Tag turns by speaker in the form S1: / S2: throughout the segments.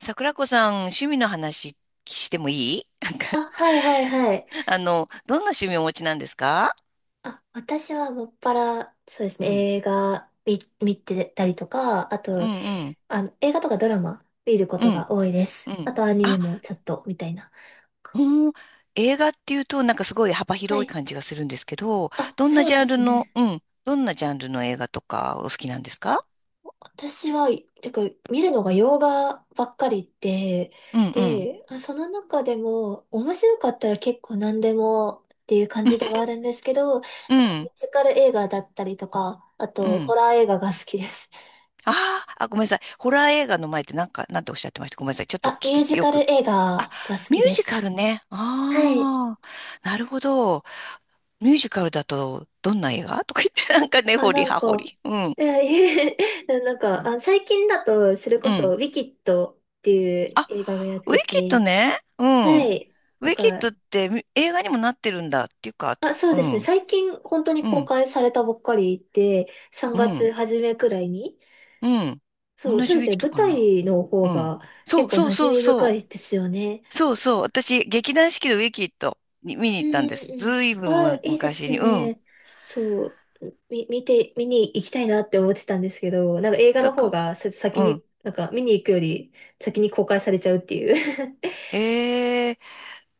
S1: 桜子さん、趣味の話してもいい。
S2: あ、はいはいはい。
S1: どんな趣味をお持ちなんですか？
S2: あ、私はもっぱら、そうです
S1: う
S2: ね、
S1: ん、
S2: 映画見てたりとか、あ
S1: う
S2: と、
S1: ん、うん、
S2: 映画とかドラマ見るこ
S1: う
S2: と
S1: ん、
S2: が多いです。
S1: う
S2: あ
S1: ん。
S2: とアニメ
S1: あ、
S2: もちょっと、みたいな。
S1: うん、映画っていうと、なんかすごい幅
S2: は
S1: 広い
S2: い。
S1: 感じがするんですけど、
S2: あ、
S1: どんな
S2: そう
S1: ジ
S2: で
S1: ャンル
S2: す
S1: の、
S2: ね。
S1: うん、どんなジャンルの映画とかお好きなんですか？
S2: 私は、てか、見るのが洋画ばっかりで、
S1: うん、うん、
S2: で、その中でも、面白かったら結構何でもっていう感じで はあるんですけど、ミュ
S1: う
S2: ー
S1: ん、
S2: ジカル映画だったりとか、あ
S1: う
S2: と、ホ
S1: ん。
S2: ラー映画が好きです。
S1: あーあ、ごめんなさい。ホラー映画の前ってなんか、なんておっしゃってましたごめんなさい。ちょっと
S2: あ、ミュー
S1: 聞き、
S2: ジ
S1: よ
S2: カ
S1: く
S2: ル
S1: 聞き、
S2: 映
S1: あ、
S2: 画が好
S1: ミュ
S2: き
S1: ー
S2: で
S1: ジ
S2: す。
S1: カルね。
S2: はい。
S1: ああ、なるほど。ミュージカルだと、どんな映画とか言って、なんかね、
S2: あ、
S1: 掘り
S2: なん
S1: 葉掘
S2: か、
S1: り。うん。
S2: え なんか、あ、最近だと、それ
S1: う
S2: こそ、
S1: ん。
S2: ウィキッドっていう
S1: あ、
S2: 映画がやっ
S1: ウィ
S2: て
S1: キッド
S2: て、
S1: ね。うん。
S2: は
S1: ウ
S2: い。なん
S1: ィキッ
S2: か、
S1: ドってみ映画にもなってるんだっていうか、
S2: あ、そう
S1: う
S2: ですね。
S1: ん。
S2: 最近、本当に
S1: う
S2: 公
S1: ん。
S2: 開されたばっかりで、3
S1: う
S2: 月
S1: ん。
S2: 初めくらいに。
S1: うん。
S2: そう、
S1: 同
S2: そう
S1: じ
S2: で
S1: ウ
S2: す
S1: ィ
S2: ね。
S1: キッド
S2: 舞
S1: かな。
S2: 台の方
S1: うん。
S2: が
S1: そ
S2: 結
S1: う
S2: 構
S1: そう
S2: 馴染
S1: そう
S2: み
S1: そ
S2: 深いで
S1: う。
S2: すよね。
S1: そうそう。私、劇団四季のウィキッドに見に
S2: う
S1: 行ったん
S2: ん
S1: です。
S2: うん。
S1: ずいぶん
S2: ああ、
S1: む
S2: いいで
S1: 昔
S2: す
S1: に。うん。
S2: ね。そう、み、見て、見に行きたいなって思ってたんですけど、なんか映画
S1: だ
S2: の方
S1: か
S2: がさ先
S1: ら、う
S2: に、
S1: ん。
S2: なんか見に行くより先に公開されちゃうっていう。
S1: えー、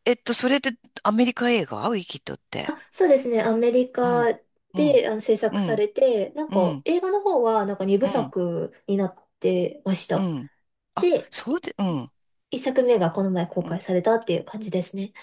S1: それってアメリカ映画ウィキッドっ て。
S2: あ、そうですね。アメリ
S1: うん。
S2: カ
S1: うん。
S2: で制
S1: う
S2: 作さ
S1: ん。
S2: れて、なん
S1: う
S2: か
S1: ん。
S2: 映画の方はなんか
S1: う
S2: 2部
S1: ん。
S2: 作になってまし
S1: う
S2: た。
S1: ん。あ、
S2: で、
S1: そうで、うん。
S2: 1作目がこの前公
S1: うん。
S2: 開されたっていう感じですね。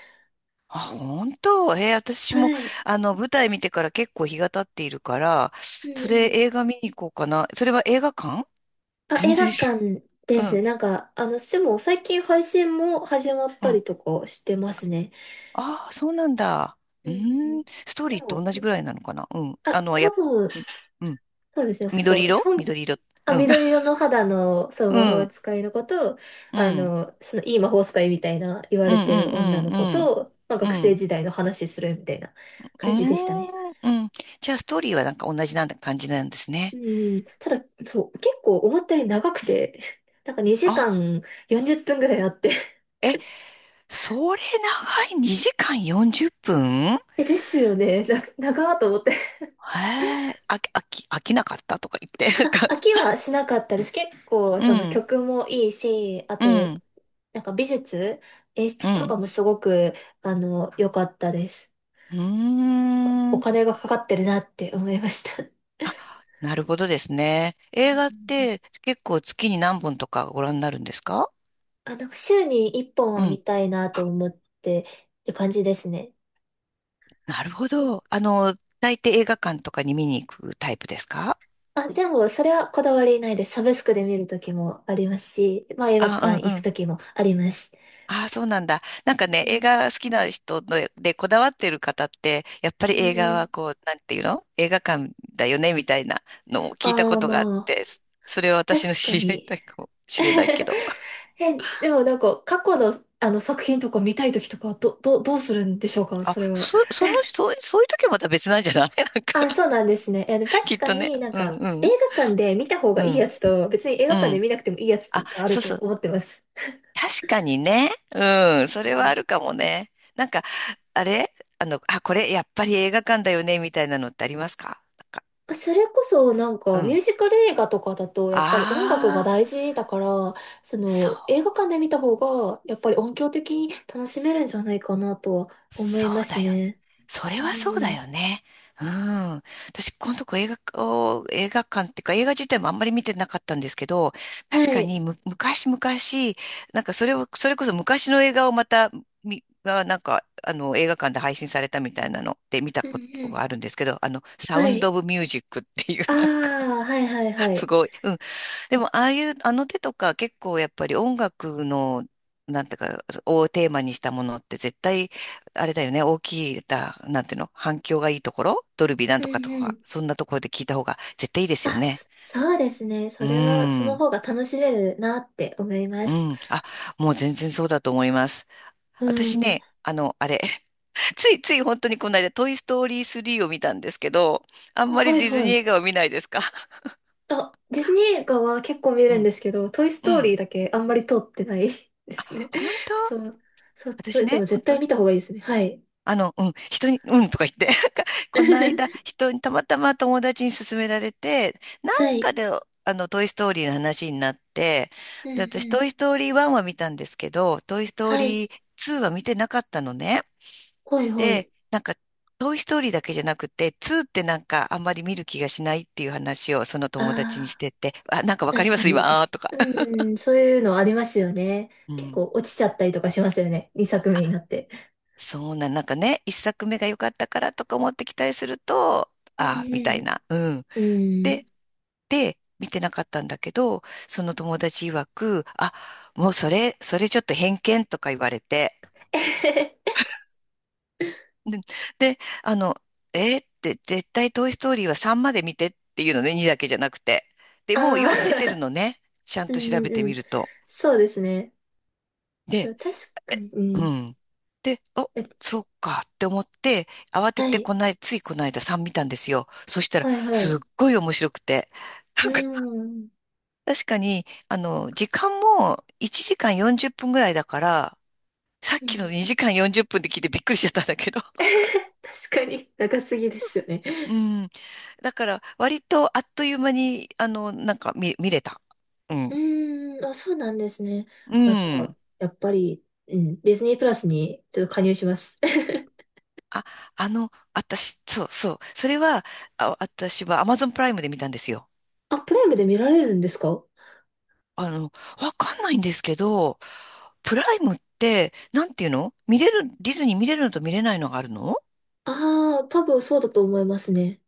S1: あ、本当。へ私も、
S2: はい。
S1: あの、舞台見てから結構日が経っているから、
S2: う
S1: そ
S2: ん。
S1: れ映画見に行こうかな。それは映画館？
S2: あ、
S1: 全
S2: 映画
S1: 然し、
S2: 館で
S1: う
S2: すね。
S1: ん、
S2: なんか、でも最近配信も始まっ
S1: う
S2: た
S1: ん。
S2: りとかしてますね。
S1: ああ、そうなんだ。
S2: う
S1: う
S2: んうんう
S1: ー
S2: ん。
S1: ん。ストー
S2: で
S1: リーと
S2: も、
S1: 同じぐらいなのかな。うん。
S2: あ、多分、
S1: うん。うん
S2: そうですね。そう、
S1: 緑
S2: 私
S1: 色
S2: 本、
S1: 緑色。
S2: あ、
S1: うん。
S2: 緑 色の肌の、そう、
S1: う
S2: 魔法
S1: ん。
S2: 使いの子と、
S1: うん。
S2: その、いい魔法使いみたいな言わ
S1: うん。
S2: れて
S1: う
S2: る女
S1: ん。
S2: の
S1: うん。
S2: 子
S1: うん。
S2: と、まあ、
S1: う
S2: 学生
S1: ん。
S2: 時代の話するみたいな
S1: うー
S2: 感じでしたね。
S1: んうん。じゃあ、ストーリーはなんか同じなんだ感じなんです
S2: う
S1: ね。
S2: ん、ただ、そう、結構思ったより長くて、なんか2
S1: あ、
S2: 時間40分ぐらいあって、
S1: え、それ長い、2時間40分へ。
S2: え、ですよね。長ーと思って。
S1: え、飽きなかったとか言って、なんか、
S2: あ、飽きはしなかったです。結構、
S1: う
S2: その
S1: ん、
S2: 曲もいいし、あ
S1: う
S2: と、
S1: ん、
S2: なんか美術、演
S1: う
S2: 出とか
S1: ん、
S2: もすごく、良かったです。
S1: うー
S2: お
S1: ん。
S2: 金がかかってるなって思いました。う
S1: あ、なるほどですね。映画っ
S2: ん。
S1: て結構月に何本とかご覧になるんですか？
S2: あ、なんか週に一本
S1: う
S2: は
S1: ん、
S2: 見たいなと思ってる感じですね。
S1: なるほど。あの、大抵映画館とかに見に行くタイプですか？
S2: あ、でも、それはこだわりないです。サブスクで見るときもありますし、まあ映画館行く
S1: あ、
S2: ときもあります。
S1: ああ、そうなんだ。なんか
S2: う
S1: ね、映
S2: ん
S1: 画好きな人のでこだわってる方って、やっぱ
S2: うん
S1: り映画
S2: う
S1: は
S2: ん。
S1: こう、なんていうの映画館だよねみたいなのを聞いた
S2: あ
S1: こ
S2: あ、
S1: とがあっ
S2: まあ、
S1: て、それは私の
S2: 確か
S1: 知り合い
S2: に。
S1: だかもしれない けど。
S2: え、でもなんか過去の、あの作品とか見たい時とかはどうするんでしょうか、
S1: あ、
S2: それは。
S1: そういう時はまた別なんじゃない。 なんか、
S2: あ、そうなんですね。え、でも
S1: き
S2: 確
S1: っ
S2: か
S1: とね。
S2: になん
S1: うん
S2: か
S1: う
S2: 映
S1: ん。
S2: 画館で見た方
S1: う
S2: がいいや
S1: ん。
S2: つと別に映
S1: う
S2: 画館で
S1: ん。
S2: 見なくてもいいやつ
S1: あ、
S2: がある
S1: そう
S2: と
S1: そう。
S2: 思ってます。
S1: 確かにね。うん。それ
S2: う
S1: はあ
S2: ん。
S1: るかもね。なんか、あれあの、あ、これやっぱり映画館だよねみたいなのってありますか？なんか、
S2: それこそなん
S1: う
S2: かミュー
S1: ん。
S2: ジカル映画とかだとやっぱり音楽が
S1: ああ、
S2: 大事だからその映
S1: そ
S2: 画館で見た方がやっぱり音響的に楽しめるんじゃないかなとは思
S1: そ
S2: いま
S1: うだ
S2: す
S1: よ。
S2: ね。
S1: それ
S2: うん
S1: はそう
S2: う
S1: だ
S2: ん。
S1: よね。うん。私、このとこ映画を、お映画館っていうか、映画自体もあんまり見てなかったんですけど、
S2: は
S1: 確か
S2: い。
S1: にむ、昔々、なんかそれを、それこそ昔の映画をまた、なんか、あの、映画館で配信されたみたいなのって見た
S2: うん
S1: こ
S2: う
S1: とが
S2: ん。
S1: あるんですけど、あの、サウ
S2: は
S1: ンド・
S2: い。
S1: オブ・ミュージックっていう、
S2: あ
S1: なんか、
S2: あ、はいはいは
S1: す
S2: い。
S1: ごい、うでも、ああいう、あの手とか結構やっぱり音楽の、なんていうか、をテーマにしたものって絶対、あれだよね、大きい、だ、なんていうの、反響がいいところ、ドルビーなん
S2: う
S1: と
S2: ん
S1: かと
S2: う
S1: か、
S2: ん。
S1: そんなところで聞いた方が絶対いいですよ
S2: あ、
S1: ね。
S2: そうですね。
S1: う
S2: そ
S1: ー
S2: れは、その
S1: ん、
S2: 方が楽しめるなって思いま
S1: う
S2: す。
S1: ん。あ、もう全然そうだと思います。
S2: う
S1: 私
S2: ん。
S1: ね、あの、あれ、ついつい本当にこの間、トイ・ストーリー3を見たんですけど、あん
S2: あ、
S1: ま
S2: は
S1: り
S2: い
S1: ディズ
S2: は
S1: ニー
S2: い。
S1: 映画を見ないですか？
S2: あ、ディズニー映画は結構見 れ
S1: う
S2: るん
S1: ん、
S2: ですけど、トイス
S1: う
S2: トー
S1: ん。
S2: リーだけあんまり通ってない ですね。
S1: 本 当。
S2: そう。そう、そ
S1: 私
S2: れで
S1: ね、
S2: も
S1: 本
S2: 絶対
S1: 当に、
S2: 見た方がいいですね。はい。
S1: あの、うん、人に、うんとか言って。この間、人に、たまたま友達に勧められて、なん
S2: は
S1: か
S2: い。
S1: で、あの、トイ・ストーリーの話になって、
S2: うん
S1: で、私、
S2: うん。
S1: トイ・ストーリー1は見たんですけど、トイ・ストー
S2: はい。
S1: リー2は見てなかったのね。
S2: はいはい。
S1: で、なんか、トイ・ストーリーだけじゃなくて、2ってなんか、あんまり見る気がしないっていう話を、その友達にし
S2: ああ、
S1: てて、あ、なんかわかり
S2: 確
S1: ま
S2: か
S1: す
S2: に。
S1: 今、あーと か。
S2: うん、そういうのありますよね。
S1: う
S2: 結
S1: ん。
S2: 構落ちちゃったりとかしますよね。2作目になって。
S1: そうなん、なんかね、一作目が良かったからとか思って期待すると、
S2: う
S1: あーみたい
S2: ん
S1: な。うん。
S2: うんう
S1: で、
S2: ん。
S1: で、見てなかったんだけど、その友達曰く、あ、もうそれ、それちょっと偏見とか言われて、で、であの、えーって絶対トイストーリーは3まで見てっていうのね、2だけじゃなくて。で、もう
S2: あ
S1: 読んでてる
S2: あ、
S1: のね、ちゃん
S2: う
S1: と
S2: ん
S1: 調
S2: う
S1: べ
S2: ん
S1: て
S2: う
S1: み
S2: ん。
S1: ると。
S2: そうですね。で
S1: で、
S2: も確かに。う
S1: う
S2: ん。
S1: ん。で、
S2: え、
S1: そうかって思って、慌て
S2: は
S1: て
S2: い。
S1: こない、ついこの間3見たんですよ。そしたら、
S2: はいは
S1: すっ
S2: い。
S1: ごい面白くて、
S2: う
S1: なんか
S2: ん。
S1: 確かに、あの、時間も1時間40分ぐらいだから、さっ
S2: う
S1: きの
S2: ん。
S1: 2時間40分で聞いてびっくりしちゃったんだけど。
S2: 確かに長すぎですよね。
S1: うん。だから、割とあっという間に、あの、なんか見れた。うん。
S2: うん。あ、そうなんですね。
S1: う
S2: あ、じゃあ、
S1: ん。
S2: やっぱり、うん。ディズニープラスにちょっと加入します。
S1: あ、あの、私、そうそう。それは、あ、私は Amazon プライムで見たんですよ。
S2: あ、プライムで見られるんですか？
S1: あの、わかんないんですけど、プライムって、なんていうの見れる、ディズニー見れるのと見れないのがあるの？
S2: ああー、多分そうだと思いますね。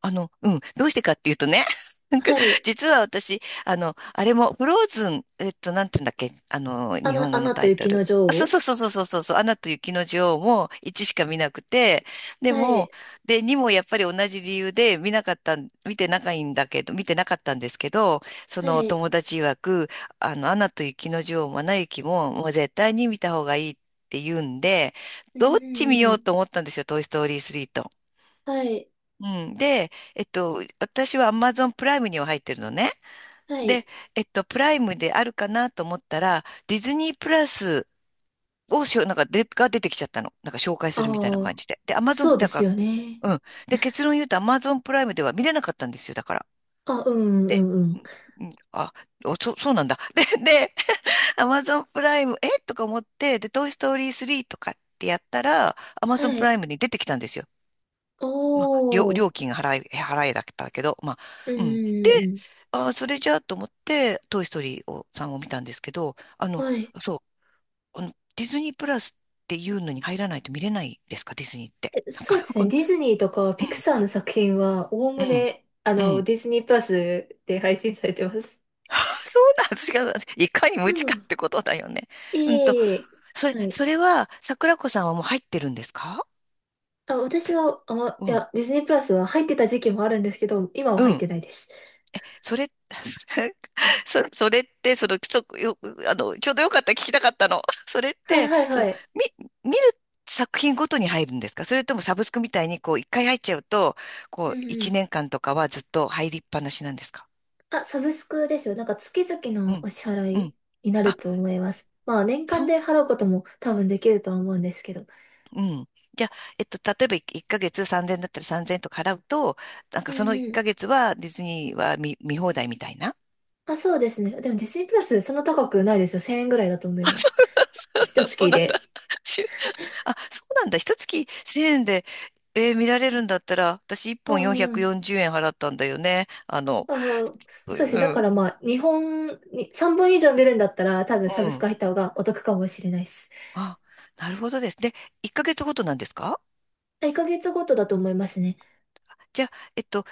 S1: あの、うん、どうしてかっていうとね、なんか、
S2: はい。
S1: 実は私、あの、あれも、フローズン、なんていうんだっけ、あの、
S2: ア
S1: 日本
S2: ナ、ア
S1: 語の
S2: ナ
S1: タ
S2: と
S1: イト
S2: 雪
S1: ル。
S2: の女
S1: あ、そう
S2: 王。
S1: そうそうそうそうそうそう、アナと雪の女王も1しか見なくて、で
S2: は
S1: も、
S2: い。
S1: で、2もやっぱり同じ理由で見なかったん、見てないんだけど、見てなかったんですけど、そ
S2: は
S1: の
S2: い。
S1: 友達曰く、あの、アナと雪の女王もアナ雪も、もう絶対に見た方がいいって言うんで、
S2: うん
S1: ど
S2: う
S1: っち見
S2: んう
S1: よう
S2: ん。
S1: と思ったんですよ、トイ・ストーリー3と。
S2: はい。
S1: うん。で、私は Amazon プライムには入ってるのね。
S2: はい。
S1: で、プライムであるかなと思ったら、ディズニープラスをしょ、なんかで、が出てきちゃったの。なんか紹介するみたいな
S2: あ
S1: 感
S2: あ、
S1: じで。で、
S2: そ
S1: Amazon
S2: うで
S1: だ
S2: す
S1: か
S2: よね。
S1: ら、うん。で、結論言うと Amazon プライムでは見れなかったんですよ、だから。
S2: あ、うんう
S1: で、
S2: んうんう
S1: う
S2: ん。
S1: ん、うんあ、そうなんだ。で、で、Amazon プライム、えとか思って、で、トイ・ストーリー3とかってやったら、Amazon
S2: は
S1: プラ
S2: い。
S1: イムに出てきたんですよ。
S2: お
S1: まあ、
S2: ー。
S1: 料金が払いだったけど、まあ、
S2: う
S1: うん。で、
S2: んうん
S1: あー、それじゃあと思って、トイ・ストーリーを、さんを見たんですけど、あ
S2: うん。
S1: の、
S2: はい。
S1: そう、あの、ディズニープラスっていうのに入らないと見れないですか、ディズニーって。
S2: え、
S1: なん
S2: そう
S1: か、
S2: で す
S1: こ
S2: ね。
S1: の、
S2: ディズニーとか
S1: う
S2: ピク
S1: ん、
S2: サーの作品は、おお
S1: う
S2: む
S1: ん、
S2: ね、
S1: うん。
S2: ディズニープラスで配信されてます。
S1: そうなんですよ。いかに
S2: う
S1: 無知かっ
S2: ん。
S1: てことだよね。
S2: い
S1: うん
S2: えい
S1: と、
S2: えいえ。はい。
S1: それは、桜子さんはもう入ってるんですか？
S2: あ、私
S1: そ
S2: は、
S1: う
S2: い
S1: ん、
S2: や、ディズニープラスは入ってた時期もあるんですけど、今は
S1: う
S2: 入っ
S1: ん、
S2: てないです。
S1: それ、それって、その、ちょっとよ、あの、ちょうどよかった聞きたかったの。それっ
S2: はい
S1: て、
S2: はい
S1: そ
S2: は
S1: の、
S2: い。
S1: み、見る作品ごとに入るんですか？それともサブスクみたいに、こう、一回入っちゃうと、こ
S2: う
S1: う、
S2: んう
S1: 一
S2: ん。
S1: 年間とかはずっと入りっぱなしなんですか？
S2: あ、サブスクですよ。なんか月々
S1: う
S2: の
S1: ん。
S2: お支払
S1: うん。
S2: いになる
S1: あ、
S2: と思います。まあ年間
S1: そう。
S2: で払うことも多分できるとは思うんですけど。
S1: うん。じゃあ、例えば1ヶ月3000円だったら3000円とか払うと、なん
S2: う
S1: かそ
S2: ん
S1: の1
S2: うん。
S1: ヶ月はディズニーは見放題みたいな。
S2: あ、そうですね。でもディズニープラスそんな高くないですよ。1000円ぐらいだと思 い
S1: あ、
S2: ます。
S1: そ
S2: 一
S1: うそう
S2: 月
S1: なんだ。
S2: で。
S1: あ、そうなんだ。一月1000円で、えー見られるんだったら、私1
S2: う
S1: 本
S2: んうん。
S1: 440円払ったんだよね。あの、
S2: あー、
S1: う
S2: そうですね。
S1: う
S2: だか
S1: ん、
S2: らまあ日本に3本以上見るんだったら多分サ
S1: う
S2: ブス
S1: ん。
S2: ク入った方がお得かもしれないです。
S1: あ、なるほどですね。で1ヶ月ごとなんですか？
S2: 1ヶ月ごとだと思いますね。
S1: じゃあ、えっと、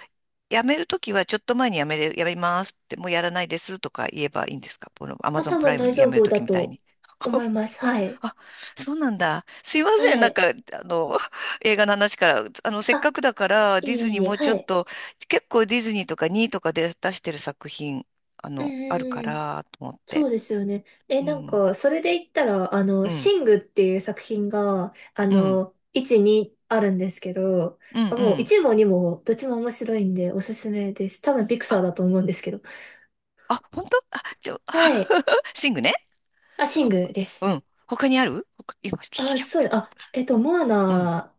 S1: 辞めるときはちょっと前に辞めれ、辞めますって、もうやらないですとか言えばいいんですか？この
S2: まあ
S1: Amazon
S2: 多
S1: プラ
S2: 分
S1: イム
S2: 大丈
S1: 辞める
S2: 夫
S1: と
S2: だ
S1: きみたい
S2: と
S1: に。
S2: 思い ます。はい。
S1: あ、そうなんだ。すいません。
S2: は
S1: なんか、
S2: い。
S1: あの、映画の話から、あの、せっか
S2: あ、
S1: くだから、ディ
S2: いえ
S1: ズニー
S2: いえ。
S1: もうちょ
S2: は
S1: っ
S2: い。
S1: と、結構ディズニーとかにいとかで出してる作品、あ
S2: うん
S1: の、あ
S2: う
S1: るか
S2: んうん。
S1: ら、と思っ
S2: そ
S1: て。
S2: うですよね。え、
S1: う
S2: なん
S1: ん、
S2: か、それで言ったら、
S1: うん、
S2: シングっていう作品が、
S1: うん、
S2: 1、2あるんですけど、
S1: うん、う
S2: あもう
S1: ん。
S2: 1も2もどっちも面白いんでおすすめです。多分ピクサーだと
S1: あ、
S2: 思うんですけど。
S1: あ、本当あ、
S2: はい。
S1: シングね。
S2: あ、シン
S1: ほ、
S2: グです。
S1: うん。他にある他今、聞い
S2: あ、
S1: ちゃ
S2: そうだ。あ、モア
S1: う。うん。
S2: ナ、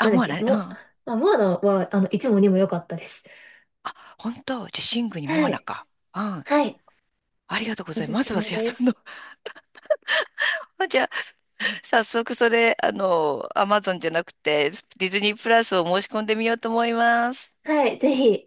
S2: なんだっ
S1: モア
S2: け、
S1: ナね。うん。あ、
S2: あ、モアナは、1も2も良かったです。
S1: 本当じゃあ、シングにモ
S2: は
S1: アナ
S2: い。
S1: か。うん。
S2: はい。
S1: ありがとうご
S2: お
S1: ざいま
S2: す
S1: す。ま
S2: す
S1: ずは、
S2: め
S1: じゃあ、
S2: で
S1: その、
S2: す。
S1: あじゃあ早速それ、あの、アマゾンじゃなくて、ディズニープラスを申し込んでみようと思います。
S2: はい。ぜひ。